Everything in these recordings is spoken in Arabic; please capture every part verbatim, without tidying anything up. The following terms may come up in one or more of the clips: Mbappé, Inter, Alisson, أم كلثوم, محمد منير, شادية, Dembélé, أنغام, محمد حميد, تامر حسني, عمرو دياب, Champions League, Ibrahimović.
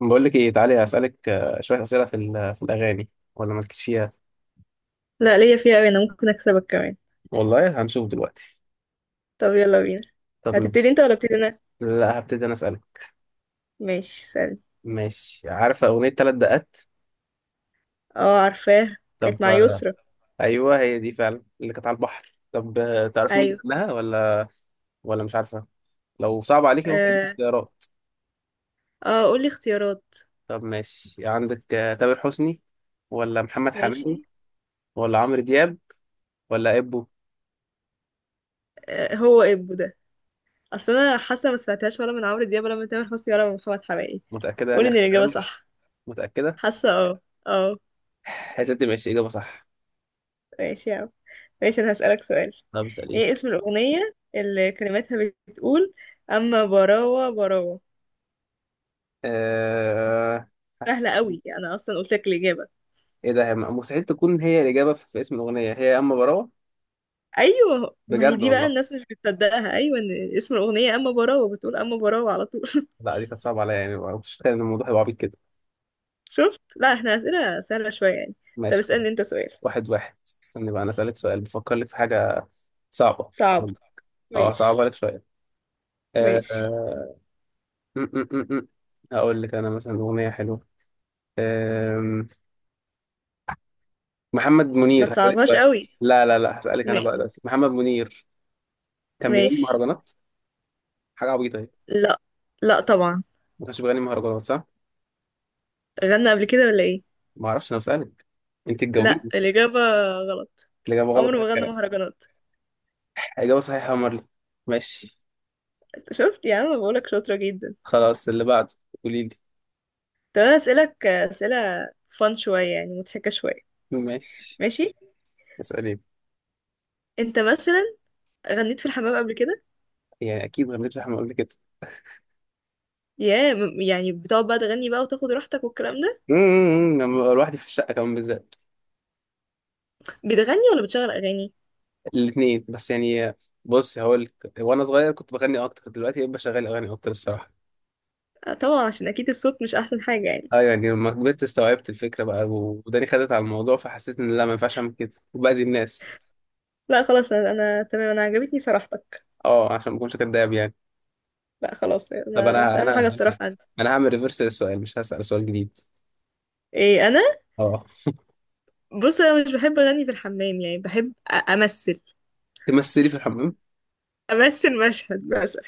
بقول لك ايه، تعالي اسالك آه، شويه اسئله في ال- في الاغاني. ولا مالكش فيها. لا ليا فيها أوي. أنا ممكن أكسبك كمان. والله هنشوف دلوقتي. طب يلا بينا. طب هتبتدي ماشي. أنت ولا أبتدي أنا؟ لا، هبتدي انا اسالك. ماشي، سألني. ماشي، عارفه اغنيه ثلاث دقات؟ اه عارفاه، كانت طب مع آه، يسرا. ايوه، هي دي فعلا اللي كانت على البحر. طب آه، تعرف مين اللي أيوه. غناها ولا؟ ولا مش عارفه؟ لو صعب عليك ممكن اديك اه، اختيارات. آه، قولي اختيارات. طب ماشي، عندك آه، تامر حسني، ولا محمد ماشي. حميد، ولا عمرو دياب، ولا ابو؟ آه، هو إبو ده. أصل أنا حاسة ما سمعتهاش ولا من عمرو دياب ولا من تامر حسني ولا من محمد حماقي. متاكده يعني، قولي إن اخر الإجابة كلام؟ صح. متاكده؟ حاسة اه. اه. يا ستي ماشي، اجابه صح. ماشي يا عم. ماشي، أنا هسألك سؤال. طب اساليني. ايه اسم الأغنية اللي كلماتها بتقول أما براوة براوة؟ أه... سهلة قوي، أنا أصلا قلت لك الإجابة. ايه ده، هي مستحيل تكون هي الاجابه في في اسم الاغنيه هي يا اما براوه؟ ايوه، ما هي بجد دي بقى والله؟ الناس مش بتصدقها، ايوه ان اسم الاغنيه اما براوه، بتقول اما براوه على طول. لا، دي كانت صعبه عليا، يعني ما كنتش متخيل ان الموضوع هيبقى عبيط كده. شفت، لا احنا اسئله سهله شويه يعني. طب ماشي خلاص. اسالني انت سؤال. واحد واحد. استني بقى، انا اسالك سؤال بفكر لك في حاجه صعبه. صعب. اه، ماشي. صعبه لك شويه. آه، ماشي. آه، م- م- م- م. هقول لك انا مثلا اغنيه حلوه. آم، محمد ما منير، هسالك تصعبهاش سؤال. قوي. لا، لا، لا، هسالك انا بقى ماشي. دلوقتي محمد منير، كان بيغني ماشي. مهرجانات؟ حاجه عبيطه اهي. لا. لا طبعا. ما كانش بيغني مهرجانات، صح؟ غنى قبل كده ولا ايه؟ ما اعرفش، انا بسالك. انت لا، تجاوبيني. الاجابه غلط. الاجابه غلط. عمره ما غنى مهرجانات. إجابة صحيحة يا مرلي. ماشي شفت يا عم، بقولك شاطره جدا. خلاص، اللي بعده. قولي لي. طب انا اسالك اسئله فان شويه يعني، مضحكه شويه. ماشي. ماشي. اسألي. انت مثلا غنيت في الحمام قبل كده؟ يعني أكيد غنيت لحمة قبل كده. ياه، م- يعني بتقعد بقى تغني بقى وتاخد راحتك والكلام ده؟ أمم، لما ببقى لوحدي في الشقة كمان بالذات. بتغني ولا بتشغل اغاني؟ الاتنين بس يعني. بص، هقول لك، وأنا صغير كنت بغني أكتر. دلوقتي بشغل أغاني أكتر الصراحة. آه، طبعا، عشان اكيد الصوت مش احسن حاجه يعني. أه، يعني لما كبرت استوعبت الفكرة بقى، وداني خدت على الموضوع، فحسيت إن لا ما ينفعش أعمل كده وبأذي الناس. لا خلاص، انا, أنا تمام، انا عجبتني صراحتك. أه، عشان ما أكونش كداب يعني. لا خلاص، طب، انا أنا اهم حاجه أنا الصراحه عندي. أنا هعمل ريفرس للسؤال، مش هسأل سؤال جديد. ايه انا؟ أه. بص، انا مش بحب اغني في الحمام، يعني بحب أ- امثل. تمثلي في الحمام؟ امثل مشهد مثلا.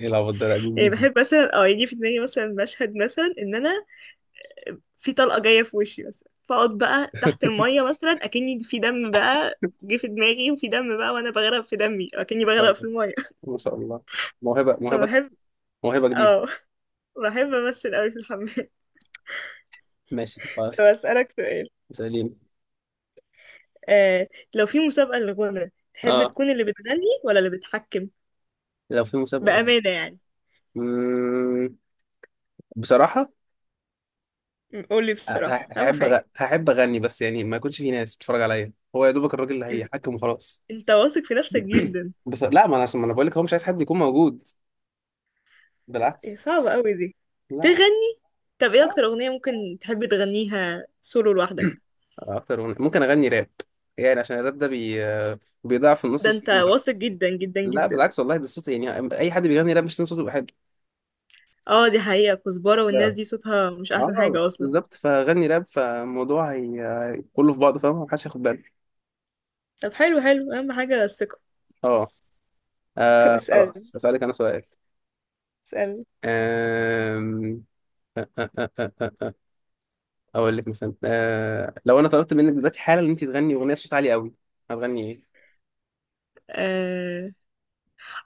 إيه العبط ده؟ لا، دي يعني جديد. بحب مثلا اه يجي في دماغي مثلا مشهد مثلا ان انا في طلقه جايه في وشي مثلا، فاقعد بقى تحت الميه مثلا اكني في دم بقى، جه في دماغي، وفي دم بقى وانا بغرق في دمي أو اكني شاء بغرق في الله. الميه. ما شاء الله. موهبة، موهبة. فبحب. موهبة جديدة. اه. بحب امثل قوي في الحمام. ماشي طب خلاص. اسالك سؤال. سليم. آه. لو في مسابقه للغنى، تحب اه، تكون اللي بتغني ولا اللي بتحكم؟ لو في مسابقة. بامانه يعني. مم... بصراحة. م- قولي بصراحه، ه- اهم هحب أغ... حاجه. هحب أغني، بس يعني ما يكونش في ناس بتتفرج عليا، هو يا دوبك الراجل اللي إز... هيحكم وخلاص. انت واثق في نفسك جدا. بس لا، ما انا عشان ما انا بقول لك، هو مش عايز حد يكون موجود. إيه، بالعكس. صعبه قوي دي. لا. تغني. طب ايه اكتر اغنيه ممكن تحب تغنيها سولو لوحدك؟ آه، اكتر أغنية. ممكن اغني راب. يعني عشان الراب ده بي... بيضيع في النص ده انت الصوت المعفن. واثق جدا جدا لا جدا. بالعكس، والله ده الصوت، يعني اي حد بيغني راب مش صوته بيبقى حلو. اه دي حقيقه، كزبره والناس لا. دي صوتها مش احسن اه، حاجه اصلا. بالظبط، فغني راب، فالموضوع هي كله في بعضه، فاهم محدش هياخد باله. طب حلو حلو، اهم حاجه الثقه. اه. طب آه، اسالني. خلاص هسألك انا سؤال. آم، آه، آه، آه، آه، آه، آه، اقول لك مثلا آه، لو انا طلبت منك دلوقتي حالا ان انت تغني اغنيه بصوت عالي قوي، هتغني ايه؟ اسالني.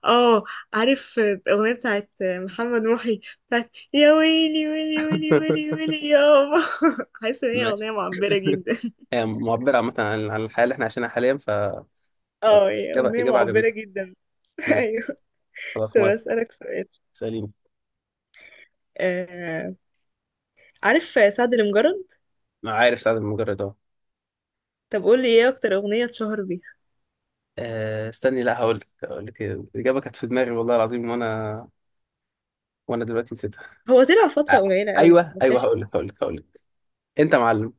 اه، عارف الأغنية بتاعت محمد محي، بتاعت يا ويلي ويلي ويلي ويلي ويلي يابا؟ حاسة ان هي ماشي. أغنية معبرة جدا. آه، معبره عامه عن عن الحياه اللي احنا عايشينها حاليا ف آه، اه هي اجابه أغنية اجابه معبرة عجبتني. جدا. ماشي، ايوه. خلاص طب موافق. أسألك سؤال. سليم. آه... عارف سعد المجرد؟ عارف سعد المجرد اهو. طب قول لي ايه اكتر أغنية اتشهر بيها. آه، استني، لا هقول لك هقول لك إيه. الاجابه كانت في دماغي والله العظيم، وانا وانا دلوقتي نسيتها. هو طلع فترة آه، قليلة قوي يعني، ايوه، ما ايوه، طلعش. هقول لك هقول لك هقول لك انت معلم.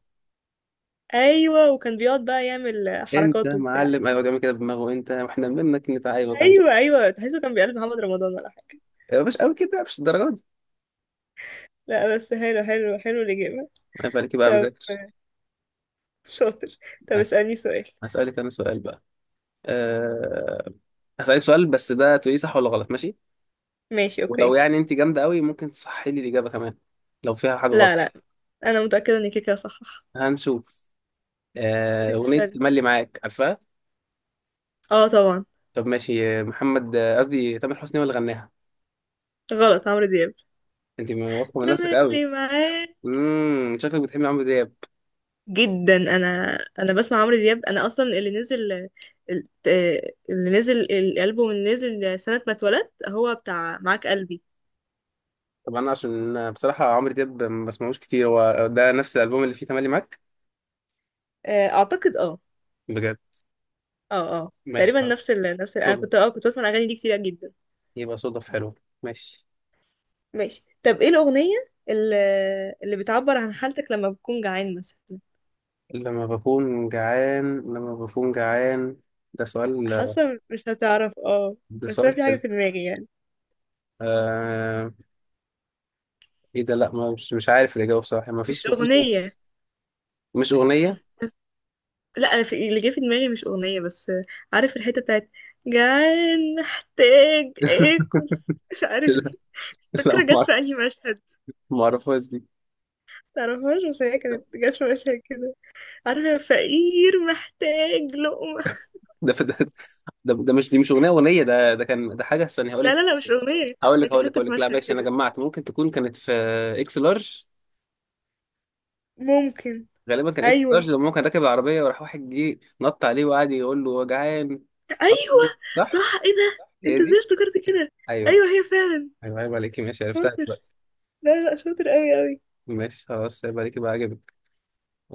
ايوه، وكان بيقعد بقى يعمل انت حركات وبتاع. معلم، ايوه بيعمل كده بدماغه، انت واحنا منك نتع، ايوه كمل. ايوه ايوه، تحسه كان بيقلد محمد رمضان ولا حاجة؟ ايوه، مش قوي كده، مش الدرجه دي. لا بس حلو حلو حلو الإجابة. ما بالك بقى طب. مذاكر. شاطر. طب ماشي. اسألني سؤال. هسألك انا سؤال بقى. أه... هسألك سؤال، بس ده تقولي صح ولا غلط، ماشي؟ ماشي ولو اوكي. يعني انت جامده قوي ممكن تصحي لي الاجابه كمان، لو فيها حاجه غلط. لا لا، انا متأكدة انك كده صح. هنشوف. آه، اغنيه اسألني. ملي معاك، عارفها؟ اه طبعا. طب ماشي، آه، محمد آه، قصدي تامر حسني هو اللي غناها؟ غلط، عمرو دياب. انت واثقه من نفسك قوي. تملي معاه. امم شكلك بتحب عمرو دياب. جدا، انا انا بسمع عمرو دياب، انا اصلا اللي نزل ال- آه، اللي نزل الالبوم اللي نزل سنة ما اتولدت هو بتاع معاك قلبي. طب انا عشان بصراحه، عمرو دياب ما بسمعوش كتير، هو ده نفس الالبوم اللي فيه تملي معاك؟ آه، اعتقد اه. بجد؟ اه اه، ماشي تقريبا خلاص. نفس ال... نفس ال... انا كنت صدف. اه كنت بسمع الاغاني دي كتير جدا. يبقى صدف حلو. ماشي. ماشي. طب ايه الاغنية اللي, اللي بتعبر عن حالتك لما بتكون جعان مثلا؟ لما بكون جعان، لما بكون جعان، ده سؤال. حاسة مش هتعرف اه. ده بس انا سؤال في حاجة حلو. في دماغي يعني. آه... ايه ده، لا ما- مش مش عارف الاجابه بصراحه، ما مش فيش ما فيش أغنية مش اغنيه؟ بس. لا أنا في- اللي جه في دماغي مش أغنية بس. عارف الحتة بتاعت جعان محتاج آكل مش عارف لا، ايه؟ لا، فاكرة جت ما في أعرف- أنهي مشهد؟ ما اعرفهاش دي. متعرفهاش، بس هي كانت جت في مشهد كده. عارفة فقير محتاج لقمة؟ ده ده ده, ده مش دي، مش اغنيه اغنيه ده ده كان ده حاجه، استنى هقول لا لك لا لا، مش أغنية. هقول لك لكن هقول لك حتة هقول في لك لا مشهد ماشي، انا كده. جمعت ممكن تكون كانت في اكس لارج. ممكن. غالبا كان اكس أيوة. لارج، لما هو كان راكب العربيه، وراح واحد جه نط عليه وقعد يقول له جعان. عارف أيوة. ليه؟ صح؟ صح، ايه ده هي انت ازاي دي؟ افتكرت كده؟ ايوه. أيوة هي فعلا. ايوه، عيب عليكي، ماشي عرفتها شاطر. دلوقتي. لا لا، شاطر أوي أوي. ماشي خلاص، عيب عليكي بقى عجبك.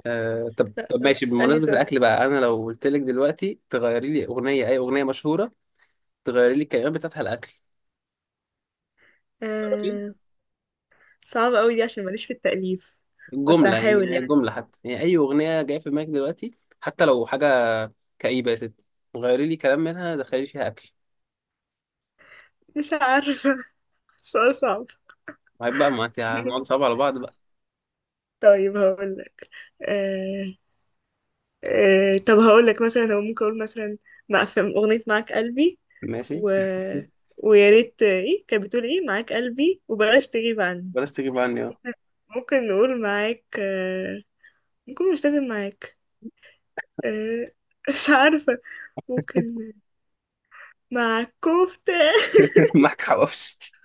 آه، طب لا طب شاطر، ماشي، اسألني بمناسبه سؤال. الاكل بقى، انا لو قلت لك دلوقتي تغيري لي اغنيه، اي اغنيه مشهوره، تغيري لي الكلمات بتاعتها الاكل، تعرفي؟ آه... صعب قوي دي، عشان ماليش في التأليف. بس الجمله، هحاول يعني يعني. الجمله حتى، يعني اي اغنيه جايه في دماغك دلوقتي، حتى لو حاجه كئيبه، يا ستي، غيري لي كلام منها، دخلي لي فيها اكل. مش عارفة. سؤال صعب. وهيبقى، ما انت هنقعد صعب على بعض بقى. طيب هقول لك. آه... آه... طب هقول لك مثلا. هو ممكن اقول مثلا. مع، في أغنية معاك قلبي. ماشي. و... ويا ريت، ايه كانت بتقول؟ ايه، معاك قلبي وبلاش تغيب عني. بلاش تجيب عني، اه. ممكن نقول معاك آه... ممكن، مش لازم معاك. آه... مش عارفة. ممكن. معاك كفتة. معاك حواوشي.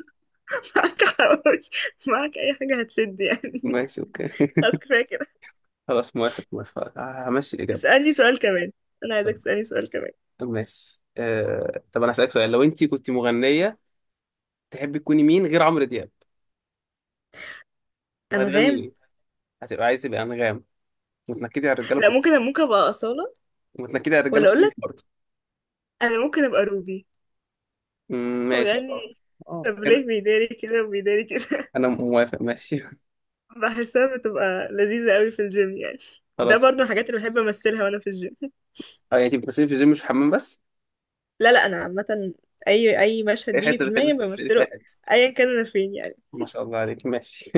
معاك حواوشي. معاك اي حاجة هتسد يعني. ماشي اوكي. خلاص كفاية كده. خلاص موافق، موافق، همشي الإجابة. اسألني سؤال كمان. انا عايزك تسألني سؤال كمان. ماشي. آه... طب أنا هسألك سؤال، لو أنت كنت مغنية تحبي تكوني مين غير عمرو دياب، وهتغني انغام. مين؟ هتبقى عايزة تبقى أنغام؟ وتنكدي على الرجالة لا، كلهم؟ ممكن ممكن ابقى أصالة. وتنكدي على الرجالة ولا اقول كلهم لك، برضه. انا ممكن ابقى روبي. مم، ماشي، وغني. اه. آه، طب حلو. ليه بيداري كده وبيداري كده؟ أنا موافق ماشي. بحسها بتبقى لذيذة قوي في الجيم يعني. ده خلاص. برضه من الحاجات اللي بحب امثلها وانا في الجيم. اه، يعني تبقى بتمثلي في الجيم مش في الحمام بس؟ لا لا انا عامة، اي اي مشهد أي بيجي حتة، في بتحبي دماغي تمثلي في أي بمثله. حتة؟ ايا كان انا فين يعني. ما شاء الله عليك، ماشي.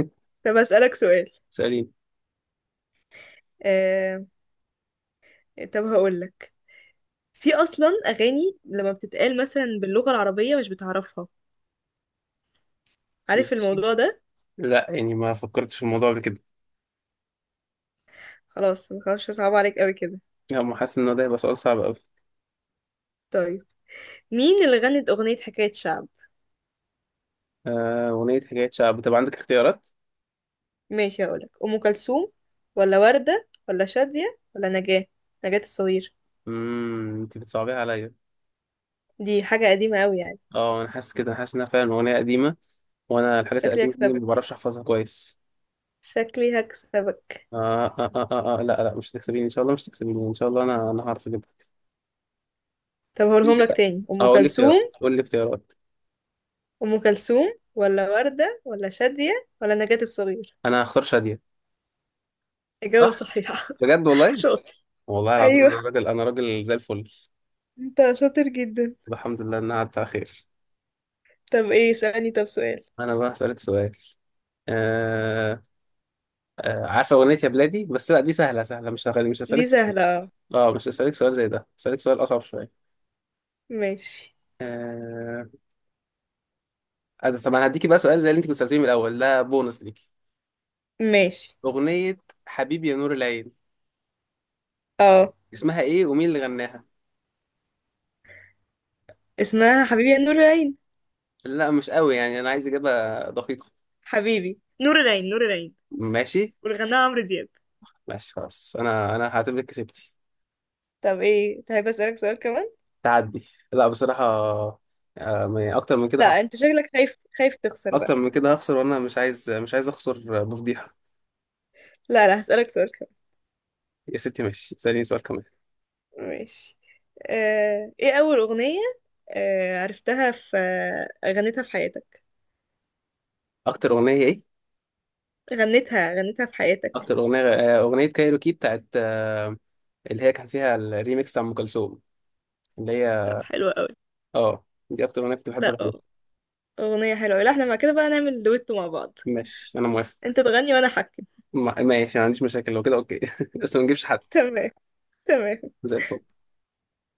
طب اسألك سؤال. سألين. آه... طب هقول لك، في اصلا اغاني لما بتتقال مثلا باللغه العربيه مش بتعرفها. عارف ماشي. الموضوع ده؟ لا يعني، ما فكرتش في الموضوع قبل كده. خلاص، ما خلاص صعب عليك قوي كده. لا، ما حاسس ان ده هيبقى سؤال صعب قوي. طيب، مين اللي غنت اغنيه حكايه شعب؟ آه، اغنيه حكايه شعب، طب عندك اختيارات. ماشي هقولك، ام كلثوم ولا ورده ولا شاديه ولا نجاه. نجاه الصغير. امم انت بتصعبيها عليا. دي حاجه قديمه قوي يعني. اه، انا حاسس كده، انا حاسس انها فعلا اغنيه قديمه. وانا الحاجات شكلي القديمه دي ما هكسبك. بعرفش احفظها كويس. شكلي هكسبك. آه آه آه آه آه. لا، لا، مش هتكسبيني ان شاء الله، مش هتكسبيني ان شاء الله، انا انا هعرف اجيبها. طب قول لي هقولهم لك كده. تاني، اه، ام قول لي كلثوم. اختيارات، قول لي اختيارات. ام كلثوم ولا ورده ولا شاديه ولا نجاه الصغير. انا هختار شاديه. اجابه صح؟ صحيحه. بجد والله؟ شاطر. والله العظيم، انا ايوه، راجل، انا راجل زي الفل. انت شاطر جدا. الحمد لله انها عدت على خير. طب ايه، اسألني طب سؤال. انا بقى هسألك سؤال. آه آه عارفه اغنيه يا بلادي، بس لا، دي سهله سهله، مش هغني، مش دي هسألك. سهلة اه. اه، مش هسألك سؤال زي ده، هسألك سؤال أصعب شوية. ماشي. آه... أنا- طب أنا هديكي بقى سؤال زي اللي أنت كنت سألتيني من الأول، ده بونص ليكي. ماشي. أغنية حبيبي يا نور العين، اه، اسمها إيه ومين اللي غناها؟ اسمها حبيبي يا نور العين. لا مش قوي يعني، أنا عايز إجابة دقيقة. حبيبي نور العين، نور العين. ماشي. والغناها عمرو دياب. ماشي خلاص، أنا أنا هعتبرك كسبتي. طب ايه، تحب اسألك سؤال كمان؟ تعدي، لا بصراحة، آه... ما- أكتر من كده لا هخسر. انت شكلك خايف، خايف تخسر أكتر بقى. من كده هخسر، وأنا مش عايز مش عايز أخسر بفضيحة. لا لا، هسألك سؤال. يا ستي ماشي، اسأليني سؤال كمان. كمان ماشي. آه، ايه اول اغنية آه، عرفتها في آه، غنيتها في حياتك؟ أكتر أغنية إيه؟ غنيتها غنيتها في حياتك. أكتر أغنية آه، أغنية كايروكي بتاعت آه، اللي هي كان فيها الريميكس بتاع ام كلثوم، اللي هي. طب حلوة قوي. اه، دي اكتر اغنيه كنت بحب لا اغنيها. أه، اغنية حلوة أوي. لا احنا مع كده بقى نعمل دويتو مع بعض. ماشي انا موافق. انت تغني وانا احكي. ما- ماشي، ما عنديش مشاكل لو كده، اوكي. بس ما نجيبش حد. تمام. تمام. زي الفل.